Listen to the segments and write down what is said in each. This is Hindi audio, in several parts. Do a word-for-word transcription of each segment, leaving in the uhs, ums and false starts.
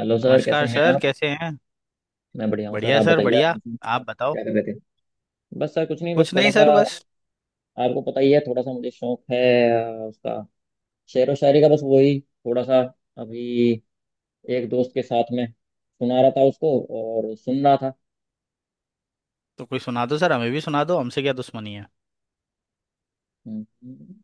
हेलो सर, कैसे नमस्कार हैं सर, आप? कैसे हैं। मैं बढ़िया हूँ सर, बढ़िया आप सर, बताइए, आप बढ़िया। कैसे हैं? आप बताओ। क्या कर रहे थे? बस सर कुछ नहीं, बस कुछ थोड़ा नहीं सा। सर बस। आपको पता ही है, थोड़ा सा मुझे शौक है अ, उसका। शेर व शायरी का, बस वही थोड़ा सा। अभी एक दोस्त के साथ में सुना रहा था उसको और सुन रहा था। तो कोई सुना दो सर, हमें भी सुना दो, हमसे क्या दुश्मनी है। हम्म।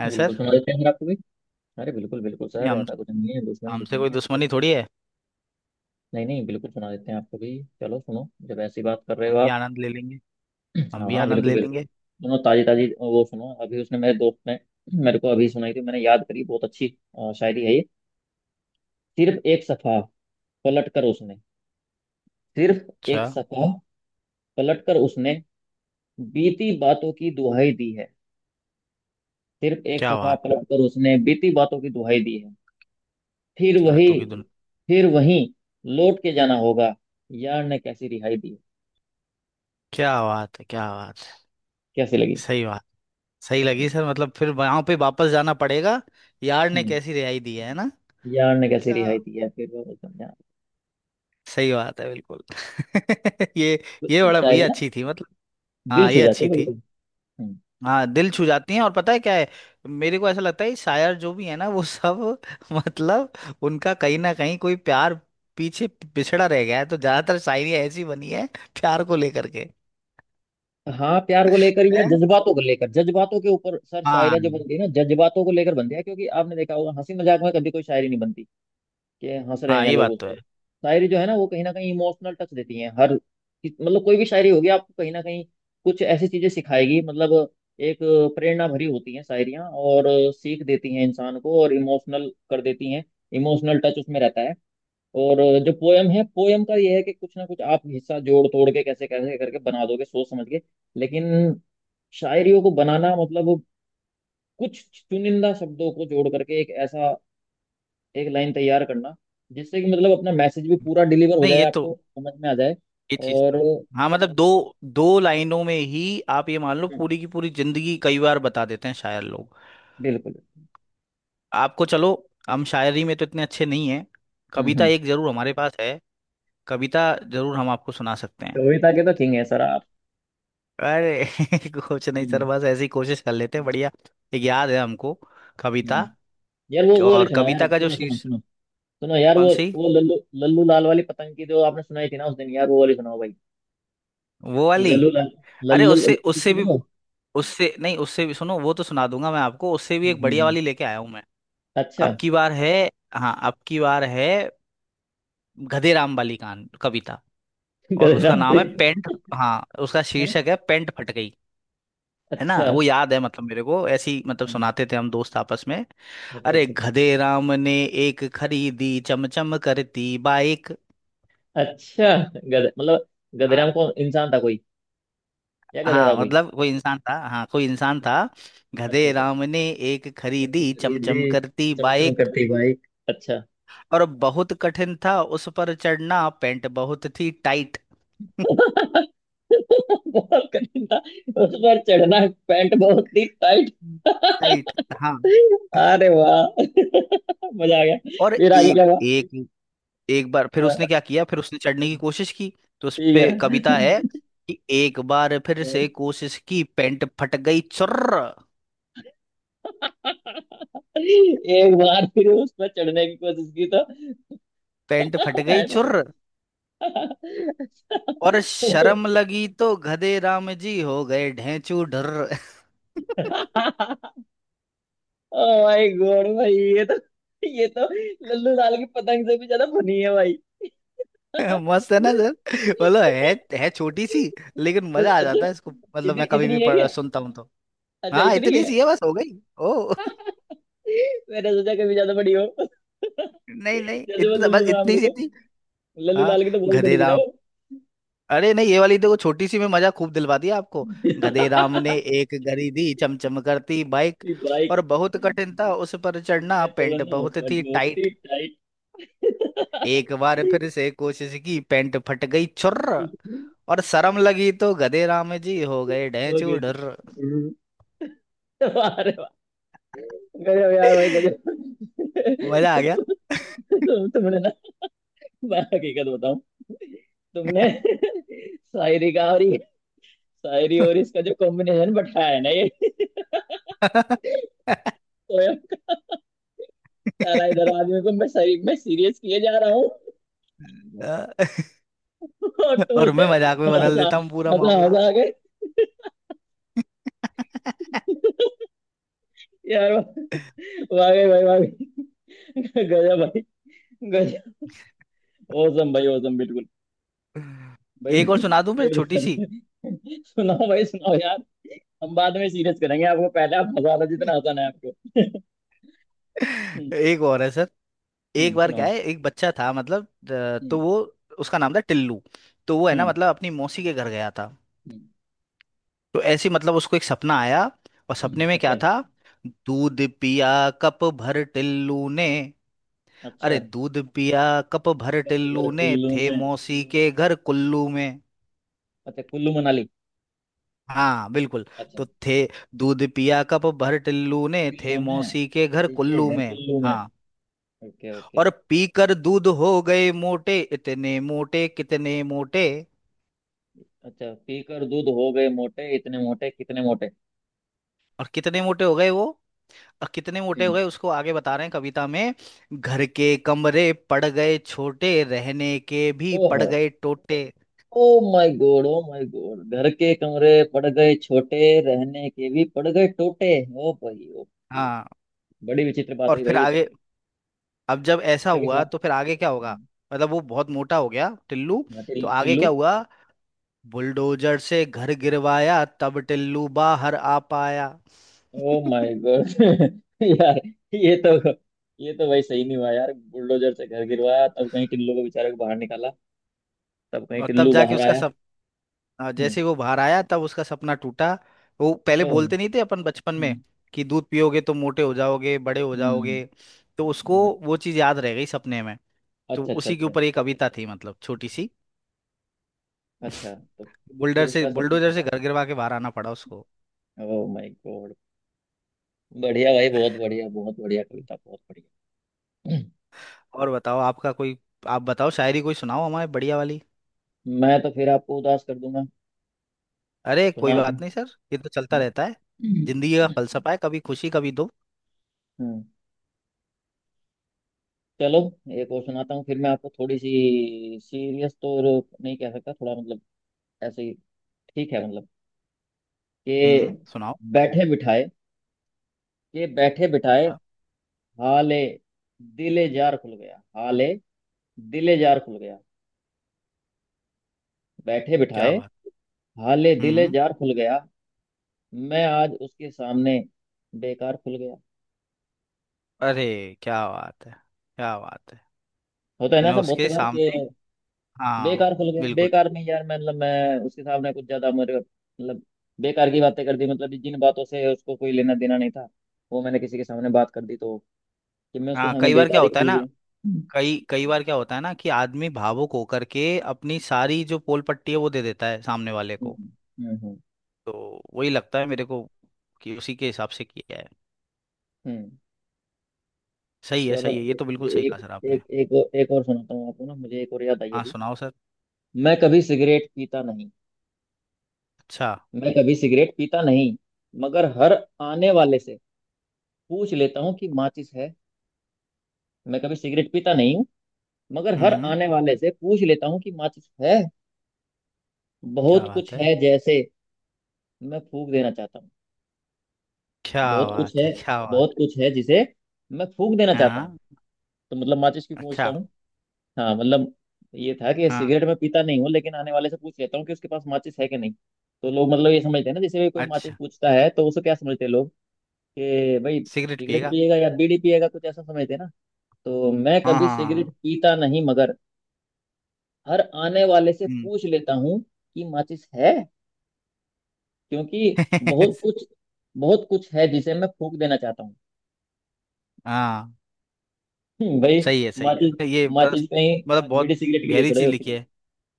है बिल्कुल सर। सुना देते हैं सर आपको भी। अरे बिल्कुल बिल्कुल नहीं सर, हम, ऐसा कुछ नहीं है, दुश्मनी कुछ हमसे नहीं कोई है आपसे। दुश्मनी थोड़ी है। नहीं नहीं, बिल्कुल सुना देते हैं आपको भी, चलो सुनो जब ऐसी बात कर रहे हम हो भी आप। आनंद ले लेंगे। हम हाँ भी हाँ, आनंद बिल्कुल ले बिल्कुल लेंगे। सुनो, ताजी ताजी वो सुनो, अभी उसने मेरे दोस्त ने मेरे को अभी सुनाई थी, मैंने याद करी, बहुत अच्छी अ, शायरी है ये। सिर्फ एक सफा पलट कर उसने, सिर्फ अच्छा। एक सफा पलट कर उसने बीती बातों की दुहाई दी है। सिर्फ एक क्या सफा बात। पलट कर उसने बीती बातों की दुहाई दी है। फिर अच्छी वही, बातों की दुनिया। फिर वही लौट के जाना होगा, यार ने कैसी रिहाई दी है। क्या बात है, क्या बात है। कैसी लगी? सही बात। सही लगी हम्म। सर, मतलब फिर वहां पे वापस जाना पड़ेगा। यार ने हम्म, कैसी रिहाई दी है ना। यार ने कैसी क्या। रिहाई दी है फिर वो समझा। सही बात है बिल्कुल। ये कुछ ये कुछ बड़ा शायरी भैया ना अच्छी थी मतलब। दिल हाँ छू ये जाती अच्छी है थी। बिल्कुल। हाँ दिल छू जाती हैं, और पता है क्या है। मेरे को ऐसा लगता है ये शायर जो भी है ना वो सब मतलब उनका कहीं ना कहीं कोई प्यार पीछे पिछड़ा रह गया है, तो ज्यादातर शायरियाँ ऐसी बनी है प्यार को लेकर के। हाँ, प्यार को लेकर या है। जज्बातों को लेकर, जज्बातों के ऊपर सर हाँ। शायरी जो बनती है ना जज्बातों को लेकर बनती है, क्योंकि आपने देखा होगा हंसी मजाक में कभी कोई शायरी नहीं बनती कि हंस रहे हाँ हैं ये लोग बात उस तो है। पर। शायरी जो है ना वो कहीं ना कहीं इमोशनल टच देती है, हर मतलब कोई भी शायरी होगी आपको कहीं ना कहीं कुछ ऐसी चीजें सिखाएगी, मतलब एक प्रेरणा भरी होती हैं शायरियाँ, और सीख देती हैं इंसान को और इमोशनल कर देती हैं, इमोशनल टच उसमें रहता है। और जो पोयम है, पोयम का ये है कि कुछ ना कुछ आप हिस्सा जोड़ तोड़ के कैसे कैसे करके बना दोगे सोच समझ के, लेकिन शायरियों को बनाना मतलब कुछ चुनिंदा शब्दों को जोड़ करके एक ऐसा एक लाइन तैयार करना, जिससे कि मतलब अपना मैसेज भी पूरा डिलीवर हो नहीं जाए, ये तो, आपको समझ में आ जाए। ये चीज और तो है। हाँ मतलब दो, दो लाइनों में ही आप ये मान लो हम्म, पूरी की पूरी जिंदगी कई बार बता देते हैं शायर लोग। बिल्कुल। आपको, चलो हम शायरी में तो इतने अच्छे नहीं हैं। हम्म। हम्म। कविता एक जरूर हमारे पास है। कविता जरूर हम आपको सुना सकते हैं। कविता के तो किंग है सर आप। अरे कुछ नहीं सर, हम्म। बस ऐसी कोशिश कर लेते हैं, बढ़िया। एक याद है हमको कविता। हम्म। यार, वो वो वाली और सुना यार, कविता का जो सुनो हम्म सुनो शीर्ष। सुनो सुनो यार, वो कौन सी। वो लल्लू लल्लू लाल वाली पतंग की जो आपने सुनाई थी ना उस दिन, यार वो वाली सुनाओ भाई। वो वाली। लल्लू अरे लल्लू उससे लल्लू उससे किसी भी, को। उससे नहीं, उससे भी सुनो। वो तो सुना दूंगा मैं आपको, उससे भी हम्म, एक बढ़िया हम्म, वाली लेके आया हूं मैं। अच्छा। अब की बार है। हाँ अब की बार है। गधे राम वाली कान कविता। और गधेरा उसका नाम है हम्म, मालिक पेंट। हाँ उसका है। शीर्षक है पेंट फट गई। है ना, अच्छा। वो याद है मतलब। मेरे को ऐसी मतलब हाँ, सुनाते थे हम दोस्त आपस में। अच्छा अरे अच्छा अच्छा। गधे राम ने एक खरीदी चमचम करती बाइक। अच्छा, गधे मतलब हाँ। गधेराम कौन इंसान था कोई? या गधेरा था हाँ कोई? मतलब कोई इंसान था, हाँ कोई इंसान था। अच्छा गधे अच्छा अच्छा। राम ने एक एक खरीदी तेरी दे चमचम करती चमचम बाइक। करती बाइक। अच्छा। और बहुत कठिन था उस पर चढ़ना, पैंट बहुत थी टाइट। बहुत कठिन था उस पर चढ़ना, पैंट बहुत ही टाइट। राइट। टाइट। हाँ। अरे वाह, मजा आ गया, और फिर आगे एक क्या हुआ? एक एक बार फिर उसने हाँ, क्या किया, फिर उसने चढ़ने की कोशिश की। तो उस पे ठीक कविता है कि एक बार फिर से है। कोशिश की, पैंट फट गई चुर्र। एक बार फिर उस पर चढ़ने की कोशिश की तो पैंट फट गई पैर उठ गया। चुर्र, और शर्म लगी तो गधे राम जी हो गए ढेंचू ढर्र। ओ माय गॉड भाई, ये तो ये तो लल्लू लाल की पतंग से भी ज्यादा फनी है भाई। मस्त है ना सर। मतलब है। है छोटी सी, लेकिन बस मजा आ अच्छा, जाता है। इसको मतलब इतनी मैं कभी इतनी भी है क्या? पढ़, सुनता हूँ तो। अच्छा, हाँ इतनी इतनी है। सी है बस, हो गई। ओ मैंने सोचा कभी ज्यादा बड़ी हो, नहीं नहीं, जैसे वो इतना लल्लू बस, लाल इतनी की सी तो थी। लल्लू हाँ। लाल की तो बहुत गधे बड़ी थी ना वो। अरे नहीं, ये वाली देखो छोटी सी में मजा खूब दिलवा दिया आपको। गधे राम ने एक गरी दी चमचम करती बाइक। भाई, और बहुत कठिन था उस उस पर चढ़ना, पे पैंट चढ़ना बहुत बट थी बहुत टाइट। ही टाइट। एक बार फिर से कोशिश की, पैंट फट गई छुर्र। और शर्म लगी तो गधे राम जी हो गए ढेंचू ओके जी, ढुर्र। अरे वाह गजब, यार भाई गजब। मजा आ गया। तुम तुमने ना, मैं हकीकत बताऊं, तुमने शायरी का और ये- शायरी और इसका जो कॉम्बिनेशन बैठाया है ना ये पोयम का, सारा इधर आदमी को मैं सही मैं सीरियस किए जा रहा हूँ, और तुम और उसे मैं मजाक में बदल हंसा देता हूँ पूरा हंसा मामला। हंसा के, यार वाह वाह गई भाई, वाह गई। गजब भाई गजब, औसम भाई औसम, बिल्कुल भाई एक और सुना दूं फिर, पेट छोटी दुखा सी। दिया। सुनाओ भाई सुनाओ यार। हम बाद में सीरियस करेंगे आपको, पहले आप हंसा लो जितना आसान है आपको। हम्म। एक और है सर। एक हम्म, बार सुनाओ। क्या है, एक बच्चा था, मतलब अ, हम्म। तो वो, उसका नाम था टिल्लू। तो वो है ना हम्म। मतलब, अपनी मौसी के घर गया था। हम्म, तो ऐसे ही मतलब उसको एक सपना आया। और हम्म, सपने में क्या अच्छा, था। दूध पिया कप भर टिल्लू ने। अच्छा अरे दूध पिया कप भर तो घर टिल्लू ने, कुल्लू थे में। मौसी के घर कुल्लू में। अच्छा, कुल्लू मनाली। हाँ बिल्कुल। अच्छा, तो थे, दूध पिया कप भर टिल्लू ने, थे कुल्लू में। मौसी के घर ठीक है, कुल्लू घर में। कुल्लू में। हाँ। Okay okay. और पीकर दूध हो गए मोटे, इतने मोटे, कितने मोटे। अच्छा, पीकर दूध हो गए मोटे, इतने मोटे, कितने मोटे। और कितने मोटे हो गए वो। और कितने मोटे हो हम्म। गए, उसको आगे बता रहे हैं कविता में। घर के कमरे पड़ गए छोटे, रहने के भी पड़ ओहो। गए टोटे। Oh my god, oh my god, घर के कमरे पड़ गए छोटे, रहने के भी पड़ गए टोटे। ओ भाई, ओ भाई, हाँ। बड़ी विचित्र बात और हुई फिर भाई ये तो। आगे, अब जब ऐसा टोटे के हुआ साथ। तो फिर आगे क्या होगा। हम्म, मतलब वो बहुत मोटा हो गया टिल्लू। हाँ तो टिल- आगे टिल्लू। क्या हुआ। बुलडोजर से घर गिरवाया, तब टिल्लू बाहर आ पाया। ओ माय गॉड। यार, ये तो ये तो भाई सही नहीं हुआ यार, बुलडोजर से घर गिरवाया तब कहीं टिल्लू को बेचारे को बाहर निकाला, तब कहीं और तब टिल्लू जाके बाहर उसका आया। सब, हाँ, हम्म। जैसे ही वो बाहर आया तब उसका सपना टूटा। वो पहले ओ। बोलते नहीं थे अपन बचपन में हम्म। कि दूध पियोगे तो मोटे हो जाओगे, बड़े हो हम्म। जाओगे। तो उसको हम्म, हम्म। वो चीज याद रह गई सपने में। तो अच्छा अच्छा उसी के अच्छा। ऊपर एक कविता थी मतलब, छोटी सी। अच्छा तो बुलडर फिर से उसका सपना बुलडोजर से टूटा। घर गिरवा के बाहर आना पड़ा उसको। ओ माय गॉड, बढ़िया भाई, बहुत बढ़िया, बहुत बढ़िया कविता, बहुत बढ़िया। और बताओ आपका कोई, आप बताओ शायरी कोई सुनाओ हमारे बढ़िया वाली। हम्म, मैं तो फिर आपको उदास कर दूंगा अरे कोई सुना के। बात नहीं सर, ये तो चलता रहता हम्म। है। जिंदगी का फलसफा है कभी खुशी कभी दुख। हम्म। चलो, एक और सुनाता हूँ, फिर मैं आपको थोड़ी सी सीरियस तो र- नहीं कह सकता, थोड़ा मतलब ऐसे ही, ठीक है मतलब, हम्म, कि सुनाओ। बैठे बिठाए, कि बैठे बिठाए क्या। हाले दिले जार खुल गया। हाले दिले जार खुल गया, बैठे क्या बिठाए बात। हाले दिले हम्म। जार खुल गया, मैं आज उसके सामने बेकार खुल गया। अरे क्या बात है, क्या बात है। होता है ना मैं ऐसा बहुत सी उसके बार सामने। कि हाँ। बेकार खुल गया, बिल्कुल। बेकार नहीं यार, मैं- मतलब मैं उसके सामने कुछ ज्यादा मेरे मतलब बेकार की बातें कर दी, मतलब जिन बातों से उसको कोई लेना देना नहीं था, वो मैंने किसी के सामने बात कर दी तो, कि मैं उसके हाँ सामने कई बार क्या बेकार ही होता है खुल ना, गया। हम्म। कई कई बार क्या होता है ना कि आदमी भावुक होकर के अपनी सारी जो पोल पट्टी है वो दे देता है सामने वाले को। हम्म। हम्म। तो वही लगता है मेरे को कि उसी के हिसाब से किया है। हम्म। सही है चलो, सही है, ये ए- तो बिल्कुल सही कहा एक सर आपने। एक एक और- एक और सुनाता हूँ आपको, ना मुझे एक और याद आई हाँ अभी। सुनाओ सर। मैं कभी सिगरेट पीता नहीं, अच्छा। मैं कभी सिगरेट पीता नहीं मगर हर आने वाले से पूछ लेता हूँ कि माचिस है। मैं कभी सिगरेट पीता नहीं हूँ मगर हर हम्म। आने वाले से पूछ लेता हूँ कि माचिस है। क्या बहुत बात कुछ है, है जैसे मैं फूक देना चाहता हूँ, क्या बहुत कुछ है बात है, क्या बात बहुत कुछ है जिसे मैं फूक देना है। चाहता हूँ। हाँ। तो मतलब माचिस की पूछता अच्छा। हूँ। हाँ मतलब, ये था कि हाँ सिगरेट में पीता नहीं हूँ लेकिन आने वाले से पूछ लेता हूँ कि उसके पास माचिस है कि नहीं। तो लोग मतलब ये समझते हैं ना, जैसे कोई माचिस अच्छा। पूछता है तो उसे क्या समझते हैं लोग, कि भाई सिगरेट सिगरेट पिएगा। पिएगा या बीड़ी पिएगा, कुछ ऐसा समझते हैं ना। तो मैं हाँ कभी हाँ हाँ सिगरेट हाँ। पीता नहीं मगर हर आने वाले से हम्म। पूछ लेता हूँ कि माचिस है, क्योंकि बहुत कुछ बहुत कुछ है जिसे मैं फूक देना चाहता हूँ। हाँ हम्म, भाई सही है सही है, माचिस, तो ये बस माचिस कहीं मतलब बीड़ी बहुत सिगरेट के लिए गहरी थोड़ा ही चीज होती लिखी है। है।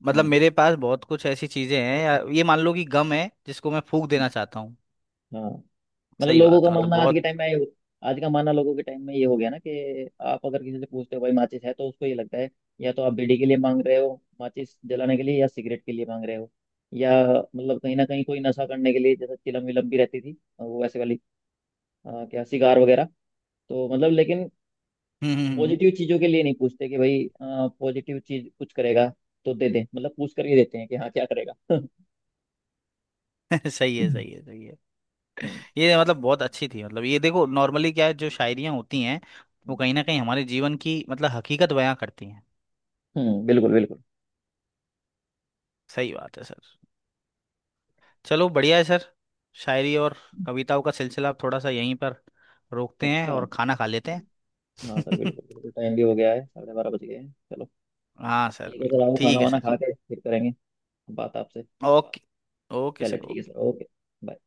मतलब हम्म, मेरे पास बहुत कुछ ऐसी चीजें हैं, या ये मान लो कि गम है जिसको मैं फूंक देना चाहता हूँ। हाँ मतलब सही लोगों बात का है मतलब मानना आज के बहुत। टाइम में ये- आज का मानना लोगों के टाइम में ये हो गया ना, कि आप अगर किसी से पूछते हो भाई माचिस है, तो उसको ये लगता है या तो आप बीड़ी के लिए मांग रहे हो, माचिस जलाने के लिए, या सिगरेट के लिए मांग रहे हो, या मतलब कहीं ना कहीं कोई नशा करने के लिए, जैसे चिलम विलम भी रहती थी वो वैसे वाली, अ, क्या सिगार वगैरह। तो मतलब लेकिन हम्म, हम्म, पॉजिटिव चीजों के लिए नहीं पूछते कि भाई पॉजिटिव चीज कुछ करेगा तो दे दे, मतलब पूछ करके देते हैं कि हाँ क्या करेगा। हम्म। सही है हम्म। सही है सही है। ये मतलब बहुत अच्छी थी। मतलब ये देखो, नॉर्मली क्या है जो शायरियाँ होती हैं, वो हम्म। कहीं ना कहीं हमारे जीवन की मतलब हकीकत बयां करती हैं। हम्म, बिल्कुल बिल्कुल। सही बात है सर। चलो बढ़िया है सर। शायरी और कविताओं का सिलसिला अब थोड़ा सा यहीं पर रोकते हैं, अच्छा। और खाना खा लेते हैं। हाँ सर बिल्कुल बिल्कुल, टाइम भी हो गया है, साढ़े बारह बज गए हैं, चलो हाँ सर, ठीक है सर, बिल्कुल आओ खाना ठीक है वाना सर। खा के फिर करेंगे बात आपसे। ओके। ओके चलो सर, ठीक है ओके। Sir, okay, bye.